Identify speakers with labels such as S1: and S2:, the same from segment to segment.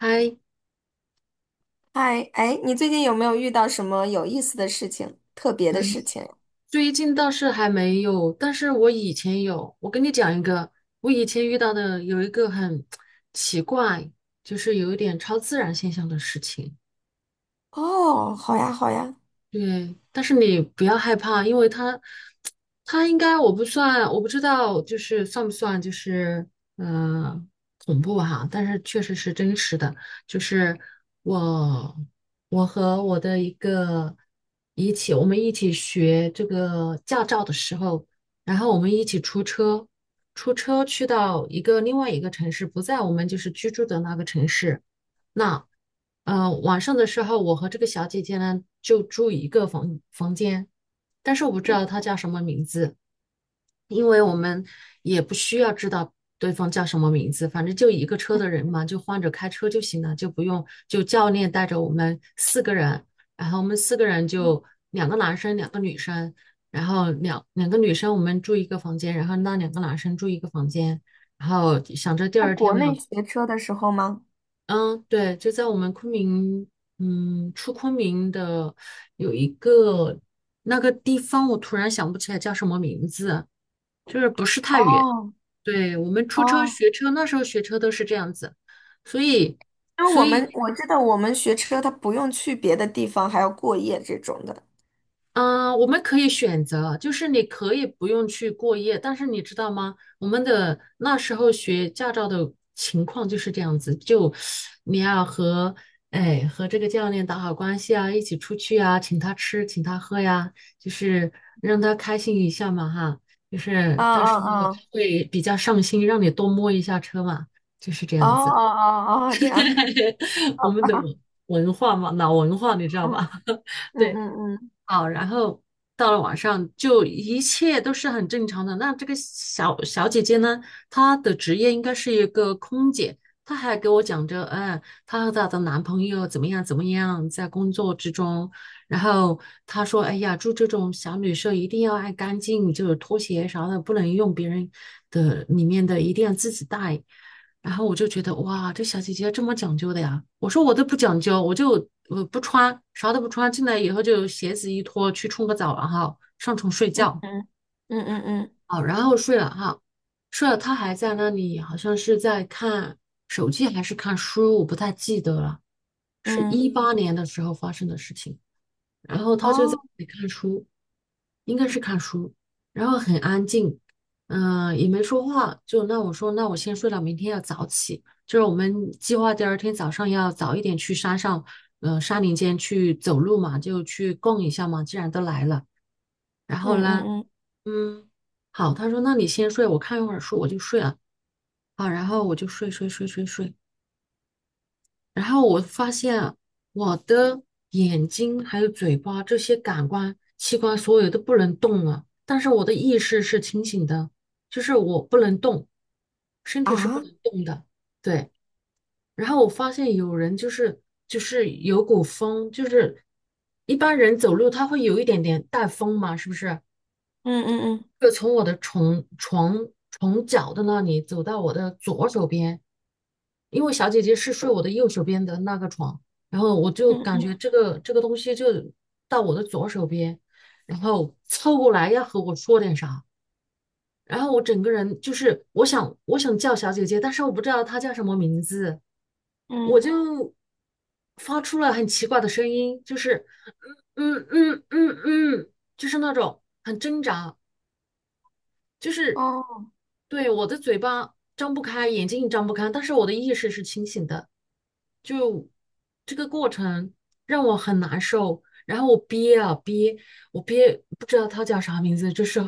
S1: 还
S2: 嗨，哎，你最近有没有遇到什么有意思的事情、特别的事情？
S1: 最近倒是还没有，但是我以前有。我跟你讲一个，我以前遇到的有一个很奇怪，就是有一点超自然现象的事情。
S2: 哦，好呀，好呀。
S1: 对，但是你不要害怕，因为他，他应该我不算，我不知道，就是算不算就是嗯恐怖哈、但是确实是真实的，就是我我和我的一个一起，我们一起学这个驾照的时候，然后我们一起出车，出车去到一个另外一个城市，不在我们就是居住的那个城市，那。晚上的时候，我和这个小姐姐呢就住一个房间，但是我不知道她叫什么名字，因为我们也不需要知道对方叫什么名字，反正就一个车的人嘛，就换着开车就行了，就不用就教练带着我们四个人，然后我们四个人
S2: 嗯，
S1: 就两个男生，两个女生，然后两个女生我们住一个房间，然后那两个男生住一个房间，然后想着第
S2: 在
S1: 二
S2: 国
S1: 天
S2: 内
S1: 嘛。
S2: 学车的时候吗？
S1: 嗯，对，就在我们昆明，嗯，出昆明的有一个那个地方，我突然想不起来叫什么名字，就是不是太远。
S2: 哦
S1: 对，我们出车
S2: 哦，
S1: 学车，那时候学车都是这样子，所以，
S2: 因为
S1: 所
S2: 我们
S1: 以
S2: 我知道我们学车，他不用去别的地方，还要过夜这种的。
S1: 嗯，我们可以选择，就是你可以不用去过夜，但是你知道吗？我们的那时候学驾照的情况就是这样子，就你要和和这个教练打好关系啊，一起出去啊，请他吃，请他喝呀，就是让他开心一下嘛哈，就是
S2: 嗯
S1: 但是他
S2: 嗯嗯，
S1: 会比较上心，让你多摸一下车嘛，就是这
S2: 哦哦
S1: 样子。
S2: 哦哦，这样，
S1: 我
S2: 好
S1: 们
S2: 吧。
S1: 的文化嘛，老文化你知道吧？
S2: 嗯
S1: 对。
S2: 嗯嗯
S1: 好，然后到了晚上就一切都是很正常的。那这个小小姐姐呢，她的职业应该是一个空姐，她还给我讲着，哎，她和她的男朋友怎么样怎么样，在工作之中。然后她说，哎呀，住这种小旅社一定要爱干净，就是拖鞋啥的不能用别人的里面的，一定要自己带。然后我就觉得哇，这小姐姐这么讲究的呀！我说我都不讲究，我就我不穿，啥都不穿，进来以后就鞋子一脱，去冲个澡，然后上床睡
S2: 嗯
S1: 觉。
S2: 嗯嗯嗯
S1: 好，然后睡了哈，睡了，她还在那里，好像是在看手机还是看书，我不太记得了，是
S2: 嗯嗯，
S1: 18年的时候发生的事情。然后他就在
S2: 哦，
S1: 那里看书，应该是看书，然后很安静，也没说话。就那我说，那我先睡了，明天要早起。就是我们计划第二天早上要早一点去山上，山林间去走路嘛，就去逛一下嘛。既然都来了，然
S2: 嗯
S1: 后呢，
S2: 嗯嗯
S1: 嗯，好，他说那你先睡，我看一会儿书，我就睡了。好，然后我就睡睡睡睡睡，然后我发现啊我的眼睛还有嘴巴这些感官器官所有都不能动了，但是我的意识是清醒的，就是我不能动，身体是不
S2: 啊，嗯
S1: 能动的。对，然后我发现有人就是有股风，就是一般人走路他会有一点点带风嘛，是不是？
S2: 嗯嗯
S1: 就从我的床脚的那里走到我的左手边。因为小姐姐是睡我的右手边的那个床，然后我就感
S2: 嗯
S1: 觉这个东西就到我的左手边，然后凑过来要和我说点啥，然后我整个人就是我想叫小姐姐，但是我不知道她叫什么名字，
S2: 嗯
S1: 我
S2: 嗯，
S1: 就发出了很奇怪的声音，就是嗯嗯嗯嗯嗯，就是那种很挣扎，就是
S2: 哦，
S1: 对我的嘴巴张不开，眼睛也张不开，但是我的意识是清醒的，就这个过程让我很难受，然后我憋啊憋，我憋不知道他叫啥名字，这是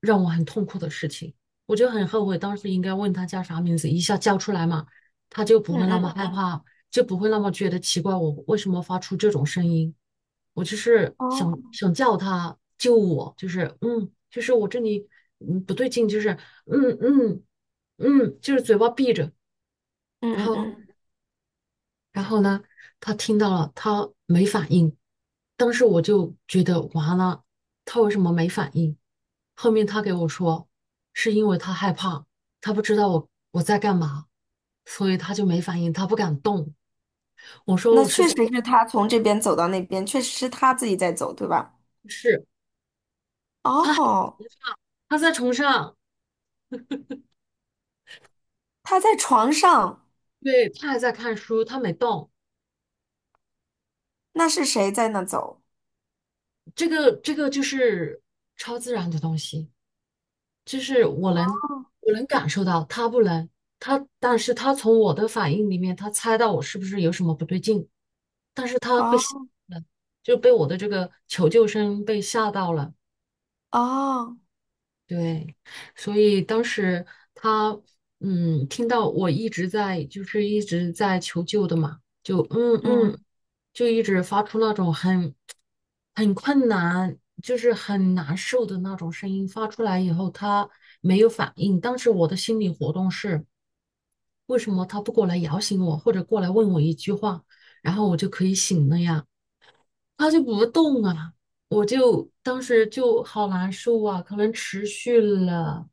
S1: 让我很痛苦的事情，我就很后悔当时应该问他叫啥名字，一下叫出来嘛，他就不
S2: 嗯
S1: 会那么害
S2: 嗯
S1: 怕，就不会那么觉得奇怪，我为什么发出这种声音？我就是想
S2: 哦，
S1: 想叫他救我，就是就是我这里不对劲，就是嗯嗯就是嘴巴闭着，
S2: 嗯
S1: 然
S2: 嗯
S1: 后
S2: 嗯。
S1: 然后呢，他听到了，他没反应，当时我就觉得完了，他为什么没反应？后面他给我说，是因为他害怕，他不知道我在干嘛，所以他就没反应，他不敢动。我说
S2: 那
S1: 我是
S2: 确
S1: 在
S2: 实
S1: 尝
S2: 是他从这边走到那边，确实是他自己在走，对吧？
S1: 试。他还在
S2: 哦，
S1: 崇尚，他在床上，
S2: 他在床上，
S1: 对，他还在看书，他没动。
S2: 那是谁在那走？
S1: 这个就是超自然的东西，就是我能感受到，他不能。但是他从我的反应里面，他猜到我是不是有什么不对劲，但是他被吓
S2: 哦
S1: 到了，就被我的这个求救声被吓到了。
S2: 哦，
S1: 对，所以当时他听到我一直在一直在求救的嘛，就
S2: 嗯，
S1: 就一直发出那种很困难，就是很难受的那种声音发出来以后，他没有反应。当时我的心理活动是，为什么他不过来摇醒我，或者过来问我一句话，然后我就可以醒了呀？他就不动啊，我就当时就好难受啊，可能持续了。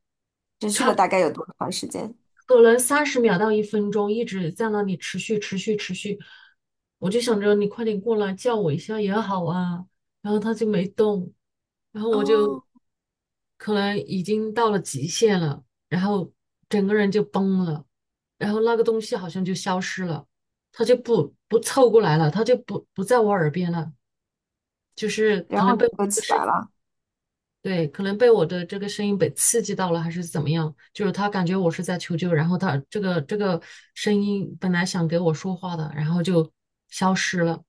S2: 持续了大概有多长时间？
S1: 可能30秒到1分钟一直在那里持续持续持续，我就想着你快点过来叫我一下也好啊，然后他就没动，然后我就
S2: 哦，
S1: 可能已经到了极限了，然后整个人就崩了，然后那个东西好像就消失了，他就不凑过来了，他就不在我耳边了，就是
S2: 然
S1: 可
S2: 后
S1: 能
S2: 你
S1: 被。
S2: 就起来了。
S1: 对，可能被我的这个声音被刺激到了，还是怎么样？就是他感觉我是在求救，然后他这个声音本来想给我说话的，然后就消失了，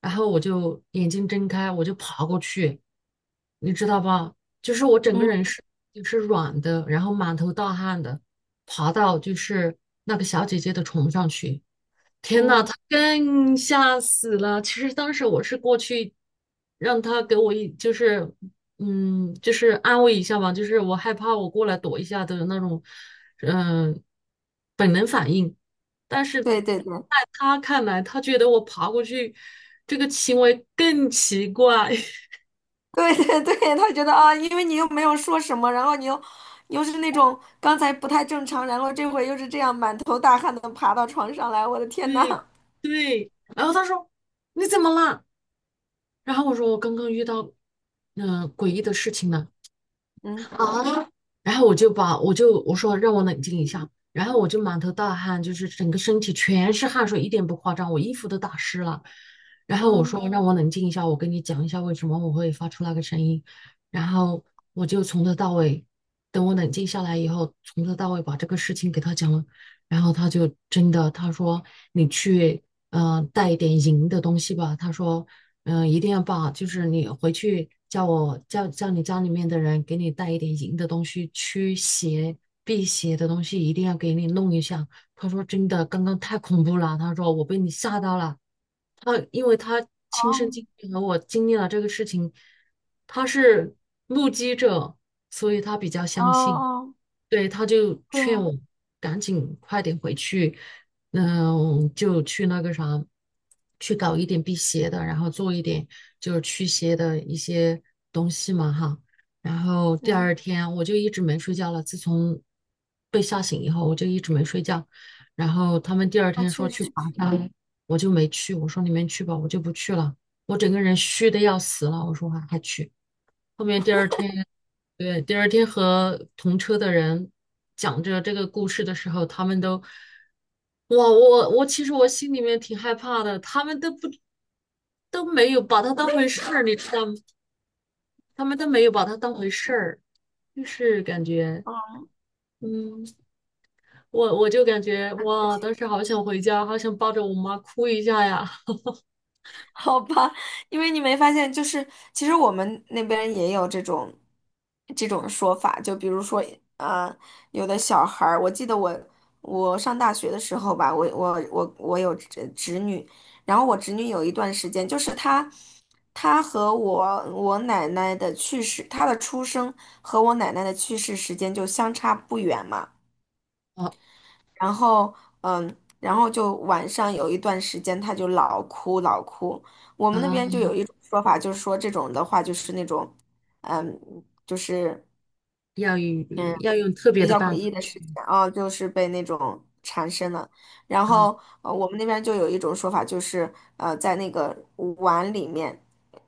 S1: 然后我就眼睛睁开，我就爬过去，你知道吧？就是我整个
S2: 嗯
S1: 人是软的，然后满头大汗的，爬到就是那个小姐姐的床上去。天呐，
S2: 嗯，
S1: 他更吓死了！其实当时我是过去让他给我一，就是，就是安慰一下吧，就是我害怕我过来躲一下的那种，嗯、本能反应。但是在
S2: 对对对
S1: 他看来，他觉得我爬过去这个行为更奇怪。
S2: 对对对，他觉得啊，因为你又没有说什么，然后你又是那种刚才不太正常，然后这回又是这样满头大汗的爬到床上来，我的天呐！
S1: 对对，然后他说你怎么啦？然后我说我刚刚遇到诡异的事情了。
S2: 嗯
S1: 啊，然后我就把我说让我冷静一下，然后我就满头大汗，就是整个身体全是汗水，一点不夸张，我衣服都打湿了。然后我
S2: 嗯，
S1: 说让我冷静一下，我跟你讲一下为什么我会发出那个声音。然后我就从头到尾，等我冷静下来以后，从头到尾把这个事情给他讲了。然后他就真的他说你去带一点银的东西吧，他说一定要把就是你回去叫我叫叫你家里面的人给你带一点银的东西，驱邪辟邪的东西一定要给你弄一下。他说真的，刚刚太恐怖了，他说我被你吓到了。他因为他亲身经
S2: 哦
S1: 历和我经历了这个事情，他是目击者，所以他比较
S2: 哦
S1: 相信。
S2: 哦，
S1: 对，他就
S2: 对
S1: 劝
S2: 呀。
S1: 我赶紧快点回去，嗯，就去那个啥，去搞一点辟邪的，然后做一点就是驱邪的一些东西嘛哈。然后第
S2: 嗯。
S1: 二天我就一直没睡觉了，自从被吓醒以后，我就一直没睡觉。然后他们第二
S2: 那
S1: 天
S2: 确
S1: 说去
S2: 实
S1: 爬
S2: 是，
S1: 山，我就没去。我说你们去吧，我就不去了。我整个人虚的要死了。我说还去。后面第二天，对，第二天和同车的人讲着这个故事的时候，他们都，哇，我其实我心里面挺害怕的。他们都没有把它当回事儿，你知道吗？他们都没有把它当回事儿，就是感觉。
S2: 嗯，
S1: 嗯，我就感觉
S2: 那确
S1: 哇，
S2: 实，
S1: 当 时好想回家，好想抱着我妈哭一下呀。
S2: 好吧，因为你没发现，就是其实我们那边也有这种说法，就比如说，呃，有的小孩儿，我记得我上大学的时候吧，我有侄女，然后我侄女有一段时间，就是她和我奶奶的去世，她的出生和我奶奶的去世时间就相差不远嘛。
S1: 啊
S2: 然后然后就晚上有一段时间他就老哭老哭。我们那边
S1: 啊！
S2: 就有一种说法，就是说这种的话就是那种，嗯，就是
S1: 要用要用特别
S2: 比
S1: 的
S2: 较诡
S1: 办法
S2: 异的
S1: 去，
S2: 事情啊，就是被那种缠身了。然
S1: 嗯，
S2: 后我们那边就有一种说法，就是在那个碗里面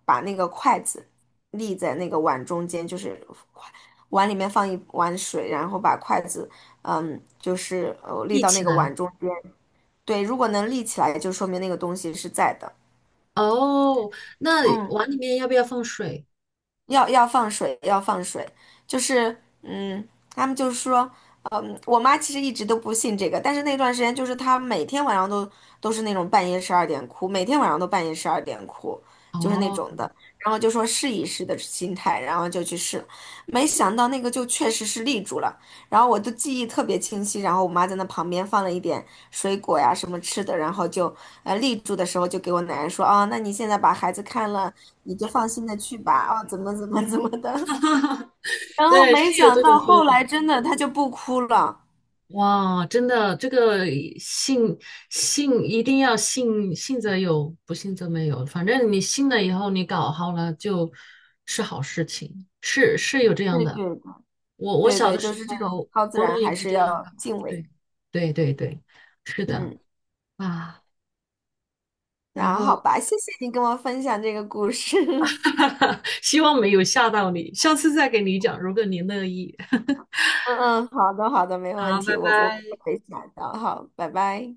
S2: 把那个筷子立在那个碗中间，就是筷碗里面放一碗水，然后把筷子。嗯，就是立
S1: 立
S2: 到那
S1: 起
S2: 个
S1: 来。
S2: 碗中间。对，如果能立起来，就说明那个东西是在的。
S1: 哦，那
S2: 嗯。
S1: 碗里面要不要放水？
S2: 要放水，要放水，就是嗯，他们就是说，嗯，我妈其实一直都不信这个，但是那段时间就是她每天晚上都是那种半夜十二点哭，每天晚上都半夜十二点哭，就是那
S1: 哦，
S2: 种的，然后就说试一试的心态，然后就去试，没想到那个就确实是立住了，然后我的记忆特别清晰，然后我妈在那旁边放了一点水果呀什么吃的，然后就立住的时候就给我奶奶说啊，那你现在把孩子看了。你就放心的去吧，哦，怎么怎么怎么的。然后
S1: 对，
S2: 没
S1: 是有
S2: 想
S1: 这种
S2: 到
S1: 说
S2: 后
S1: 法。
S2: 来真的他就不哭了。
S1: 哇，真的，这个信信一定要信，信则有，不信则没有。反正你信了以后，你搞好了就是好事情，是是有这样
S2: 对对
S1: 的。
S2: 的
S1: 我
S2: 对
S1: 小的
S2: 对，就
S1: 时
S2: 是这种
S1: 候，
S2: 超自
S1: 妈
S2: 然
S1: 妈也
S2: 还
S1: 会
S2: 是
S1: 这样
S2: 要
S1: 搞。
S2: 敬畏。
S1: 对，对对对，是的
S2: 嗯，
S1: 啊。然
S2: 那
S1: 后。
S2: 好吧，谢谢你跟我分享这个故事。
S1: 哈哈，希望没有吓到你，下次再给你讲，如果你乐意。
S2: 嗯嗯，好的好的，没有问
S1: 好，
S2: 题，
S1: 拜
S2: 我
S1: 拜。
S2: 不会下的。好，拜拜。